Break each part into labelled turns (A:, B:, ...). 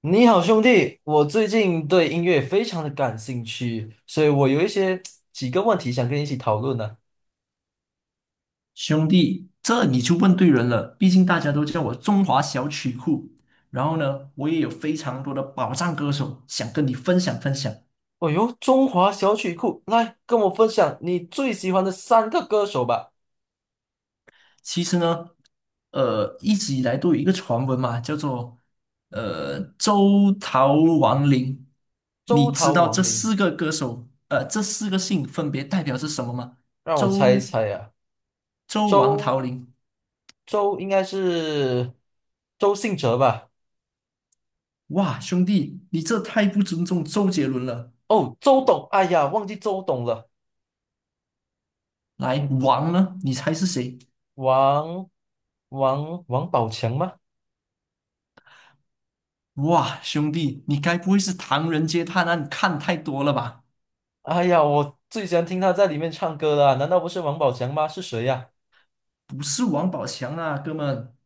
A: 你好，兄弟，我最近对音乐非常的感兴趣，所以我有几个问题想跟你一起讨论呢。
B: 兄弟，这你就问对人了。毕竟大家都叫我中华小曲库，然后呢，我也有非常多的宝藏歌手想跟你分享分享。
A: 哦哟，中华小曲库，来跟我分享你最喜欢的三个歌手吧。
B: 其实呢，一直以来都有一个传闻嘛，叫做周桃王林。
A: 周
B: 你知
A: 桃、
B: 道
A: 王
B: 这
A: 琳，
B: 四个歌手，这四个姓分别代表是什么吗？
A: 让我猜一
B: 周
A: 猜呀，
B: 周王
A: 周
B: 桃林。
A: 周应该是周信哲吧？
B: 哇，兄弟，你这太不尊重周杰伦了。
A: 哦，周董，哎呀，忘记周董了。
B: 来，
A: 嗯，
B: 王呢？你猜是谁？
A: 王王宝强吗？
B: 哇，兄弟，你该不会是《唐人街探案》看太多了吧？
A: 哎呀，我最喜欢听他在里面唱歌了啊，难道不是王宝强吗？是谁呀？
B: 不是王宝强啊，哥们，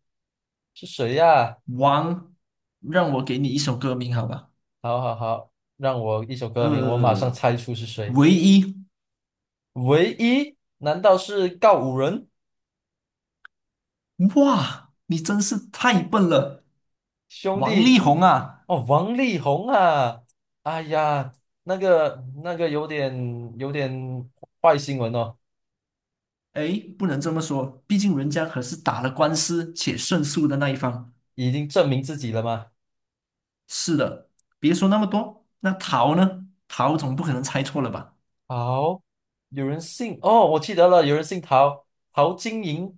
A: 是谁呀？
B: 王，让我给你一首歌名好吧？
A: 好好好，让我一首歌名，我马上
B: 呃，
A: 猜出是谁。
B: 唯一，
A: 唯一？难道是告五人
B: 哇，你真是太笨了，
A: 兄
B: 王力
A: 弟？
B: 宏啊，
A: 哦，王力宏啊！哎呀，那个有点坏新闻哦。
B: 哎，不能这么说，毕竟人家可是打了官司且胜诉的那一方。
A: 已经证明自己了吗？
B: 是的，别说那么多，那陶呢？陶总不可能猜错了吧？
A: 好，有人姓哦，我记得了，有人姓陶，陶晶莹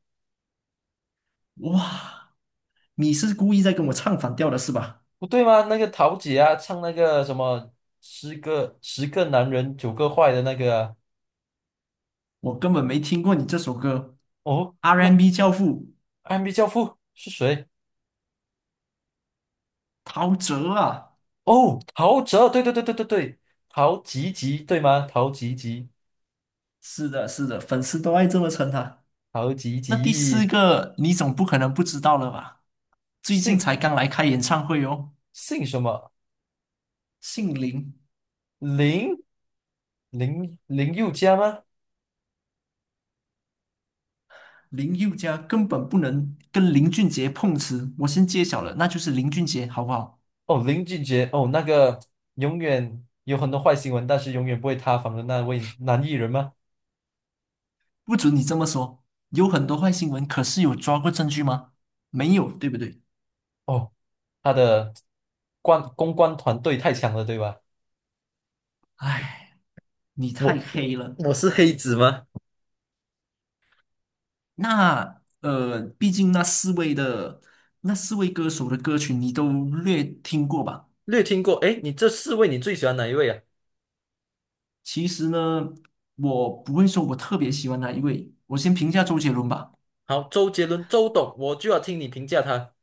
B: 哇，你是故意在跟我唱反调的是吧？
A: 不对吗？那个陶姐啊，唱那个什么十个男人九个坏的那个啊。
B: 我根本没听过你这首歌
A: 哦。那
B: ，R&B 教父
A: 暗壁教父是谁？
B: 陶喆啊，
A: 哦，陶喆，对对对对对对，陶吉吉对吗？陶吉吉，
B: 是的，是的，粉丝都爱这么称他。
A: 陶吉
B: 那第四
A: 吉，
B: 个，你总不可能不知道了吧？最近
A: 姓
B: 才刚来开演唱会哦，
A: 姓什么？
B: 姓林，
A: 林林宥嘉吗？
B: 林宥嘉根本不能跟林俊杰碰瓷，我先揭晓了，那就是林俊杰，好不好？
A: 哦，林俊杰，哦，那个永远有很多坏新闻，但是永远不会塌房的那位男艺人吗？
B: 不准你这么说，有很多坏新闻，可是有抓过证据吗？没有，对不对？
A: 哦，他的公关团队太强了，对吧？
B: 唉，你太
A: 我
B: 黑了。
A: 我是黑子吗？
B: 那毕竟那四位歌手的歌曲你都略听过吧？
A: 略听过，哎，你这四位你最喜欢哪一位啊？
B: 其实呢，我不会说我特别喜欢哪一位，我先评价周杰伦吧。
A: 好，周杰伦，周董，我就要听你评价他。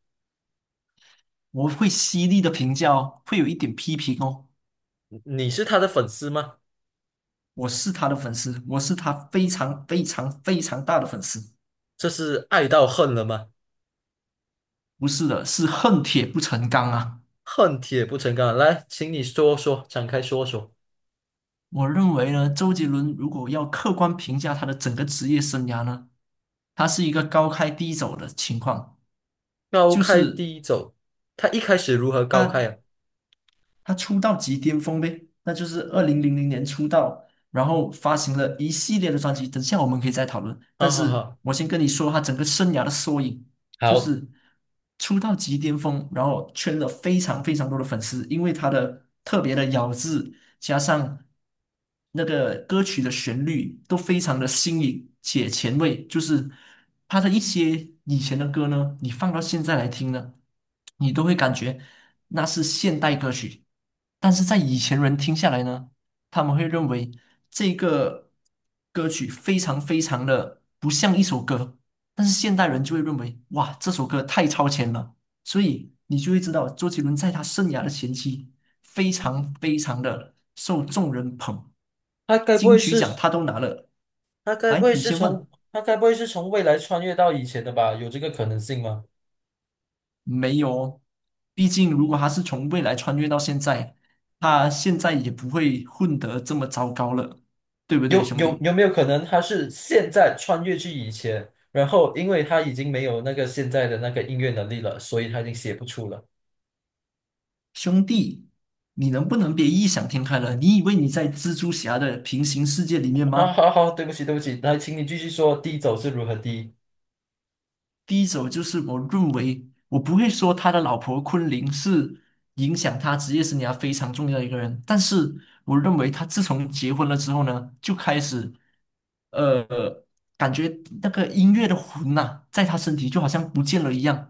B: 我会犀利的评价哦，会有一点批评哦。
A: 你是他的粉丝吗？
B: 我是他的粉丝，我是他非常非常非常大的粉丝。
A: 这是爱到恨了吗？
B: 不是的，是恨铁不成钢啊。
A: 恨铁不成钢。来，请你说说，展开说说。
B: 我认为呢，周杰伦如果要客观评价他的整个职业生涯呢，他是一个高开低走的情况。
A: 高
B: 就
A: 开
B: 是
A: 低走，他一开始如何高开
B: 他
A: 啊？
B: 他出道即巅峰呗，那就是2000年出道，然后发行了一系列的专辑。等下我们可以再讨论，但
A: 好好
B: 是
A: 好，
B: 我先跟你说，他整个生涯的缩影就
A: 好，
B: 是出道即巅峰，然后圈了非常非常多的粉丝，因为他的特别的咬字，加上那个歌曲的旋律都非常的新颖且前卫，就是他的一些以前的歌呢，你放到现在来听呢，你都会感觉。那是现代歌曲，但是在以前人听下来呢，他们会认为这个歌曲非常非常的不像一首歌，但是现代人就会认为哇，这首歌太超前了，所以你就会知道周杰伦在他生涯的前期非常非常的受众人捧，
A: 他该不
B: 金
A: 会
B: 曲奖
A: 是
B: 他都拿了。
A: 他该不
B: 来，
A: 会
B: 你
A: 是
B: 先
A: 从
B: 问。
A: 他该不会是从未来穿越到以前的吧？有这个可能性吗？
B: 没有，毕竟如果他是从未来穿越到现在，他现在也不会混得这么糟糕了，对不对，兄弟？
A: 有没有可能他是现在穿越去以前，然后因为他已经没有那个现在的那个音乐能力了，所以他已经写不出了。
B: 兄弟，你能不能别异想天开了？你以为你在蜘蛛侠的平行世界里面
A: 好
B: 吗？
A: 好好，对不起对不起，来，请你继续说，低走是如何低？
B: 第一种就是我认为，我不会说他的老婆昆凌是影响他职业生涯非常重要的一个人，但是我认为他自从结婚了之后呢，就开始。呃，感觉那个音乐的魂呐、在他身体就好像不见了一样，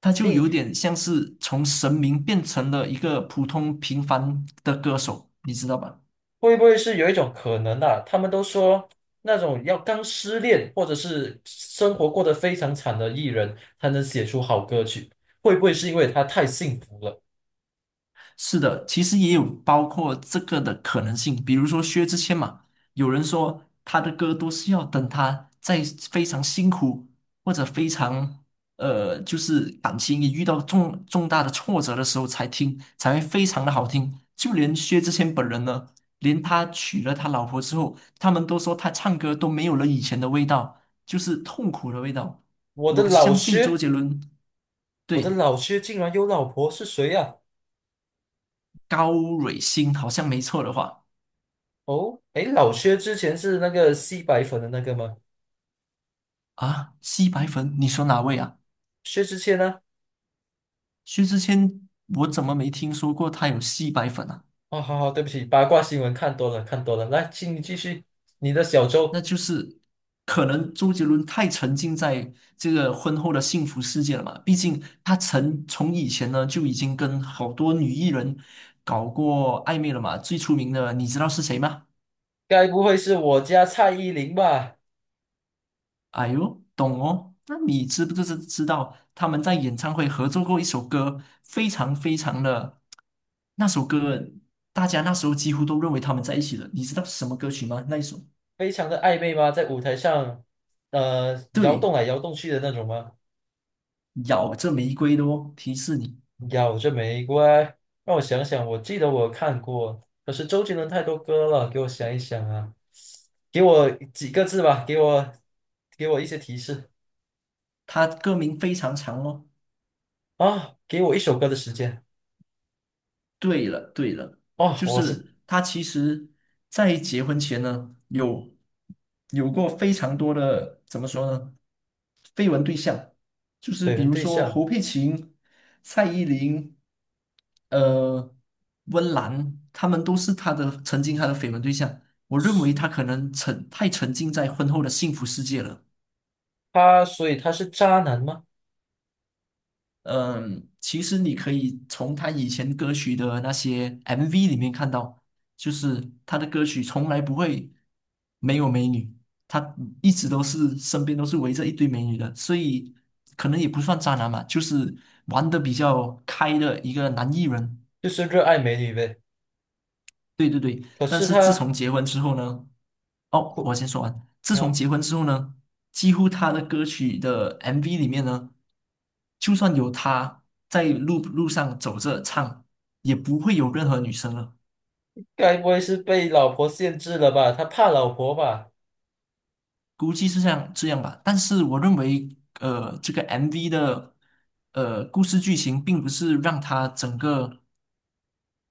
B: 他就有
A: 应
B: 点像是从神明变成了一个普通平凡的歌手，你知道吧？
A: 会不会是有一种可能啊？他们都说那种要刚失恋或者是生活过得非常惨的艺人，才能写出好歌曲。会不会是因为他太幸福了？
B: 是的，其实也有包括这个的可能性，比如说薛之谦嘛，有人说他的歌都是要等他在非常辛苦或者非常就是感情也遇到重重大的挫折的时候才听，才会非常的好听。就连薛之谦本人呢，连他娶了他老婆之后，他们都说他唱歌都没有了以前的味道，就是痛苦的味道。
A: 我的
B: 我
A: 老
B: 相信周
A: 薛。
B: 杰伦
A: 我的
B: 对
A: 老薛竟然有老婆，是谁呀？
B: 高蕊欣好像没错的话。
A: 哦，诶，老薛之前是那个吸白粉的那个吗？
B: 啊，吸白粉？你说哪位啊？
A: 薛之谦呢？
B: 薛之谦，我怎么没听说过他有吸白粉啊？
A: 哦，好好，对不起，八卦新闻看多了，看多了。来，请你继续你的小
B: 那
A: 周，
B: 就是可能周杰伦太沉浸在这个婚后的幸福世界了嘛。毕竟他曾从以前呢就已经跟好多女艺人搞过暧昧了嘛。最出名的，你知道是谁吗？
A: 该不会是我家蔡依林吧？
B: 哎呦，懂哦。那你知不知道他们在演唱会合作过一首歌，非常非常的那首歌，大家那时候几乎都认为他们在一起了。你知道是什么歌曲吗？那一首，
A: 非常的暧昧吗？在舞台上，呃，摇动
B: 对，
A: 来摇动去的那种吗？
B: 咬着玫瑰的哦，提示你，
A: 咬着玫瑰，让我想想，我记得我看过，可是周杰伦太多歌了，给我想一想啊，给我几个字吧，给我一些提示
B: 它歌名非常长哦。
A: 啊，给我一首歌的时间
B: 对了，对了，
A: 哦，
B: 就
A: 我是
B: 是他其实，在结婚前呢，有过非常多的怎么说呢，绯闻对象，就是
A: 绯
B: 比
A: 闻
B: 如
A: 对
B: 说
A: 象，
B: 侯佩岑、蔡依林、呃，温岚，他们都是他的曾经他的绯闻对象。我认为他可能太沉浸在婚后的幸福世界了。
A: 所以他是渣男吗？
B: 嗯，其实你可以从他以前歌曲的那些 MV 里面看到，就是他的歌曲从来不会没有美女，他一直都是身边都是围着一堆美女的，所以可能也不算渣男嘛，就是玩的比较开的一个男艺人。
A: 就是热爱美女呗，
B: 对对对，
A: 可
B: 但
A: 是
B: 是自
A: 他
B: 从结婚之后呢，哦，
A: 哭
B: 我先说完。自从
A: 啊，
B: 结婚之后呢，几乎他的歌曲的 MV 里面呢，就算有他在路上走着唱，也不会有任何女生了，
A: 该不会是被老婆限制了吧？他怕老婆吧？
B: 估计是像这样吧。但是我认为，这个 MV 的故事剧情并不是让他整个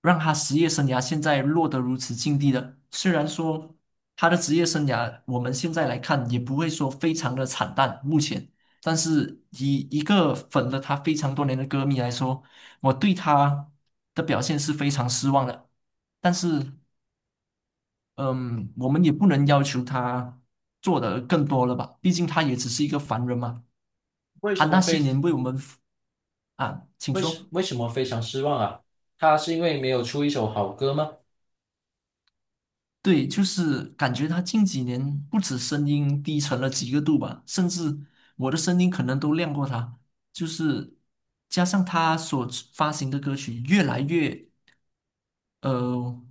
B: 让他职业生涯现在落得如此境地的。虽然说他的职业生涯我们现在来看也不会说非常的惨淡，目前，但是以一个粉了他非常多年的歌迷来说，我对他的表现是非常失望的。但是，嗯，我们也不能要求他做的更多了吧？毕竟他也只是一个凡人嘛。
A: 为
B: 他
A: 什么
B: 那些
A: 非？
B: 年为我们服啊，请说。
A: 为什么非常失望啊？他是因为没有出一首好歌吗？
B: 对，就是感觉他近几年不止声音低沉了几个度吧，甚至我的声音可能都亮过他。就是加上他所发行的歌曲呃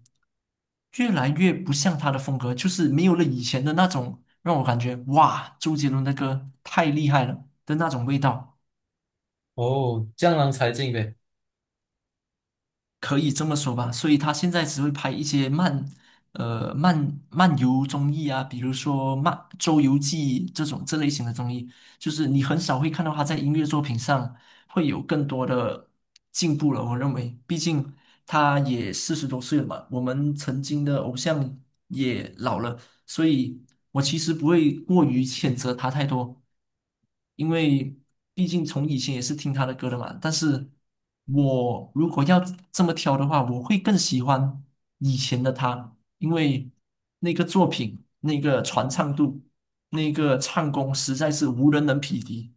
B: 越来越不像他的风格，就是没有了以前的那种让我感觉哇，周杰伦的歌太厉害了的那种味道。
A: 哦，江郎才尽呗。
B: 可以这么说吧，所以他现在只会拍一些漫游综艺啊，比如说《周游记》这类型的综艺，就是你很少会看到他在音乐作品上会有更多的进步了。我认为，毕竟他也40多岁了嘛，我们曾经的偶像也老了，所以我其实不会过于谴责他太多，因为毕竟从以前也是听他的歌的嘛。但是我如果要这么挑的话，我会更喜欢以前的他，因为那个作品、那个传唱度、那个唱功实在是无人能匹敌。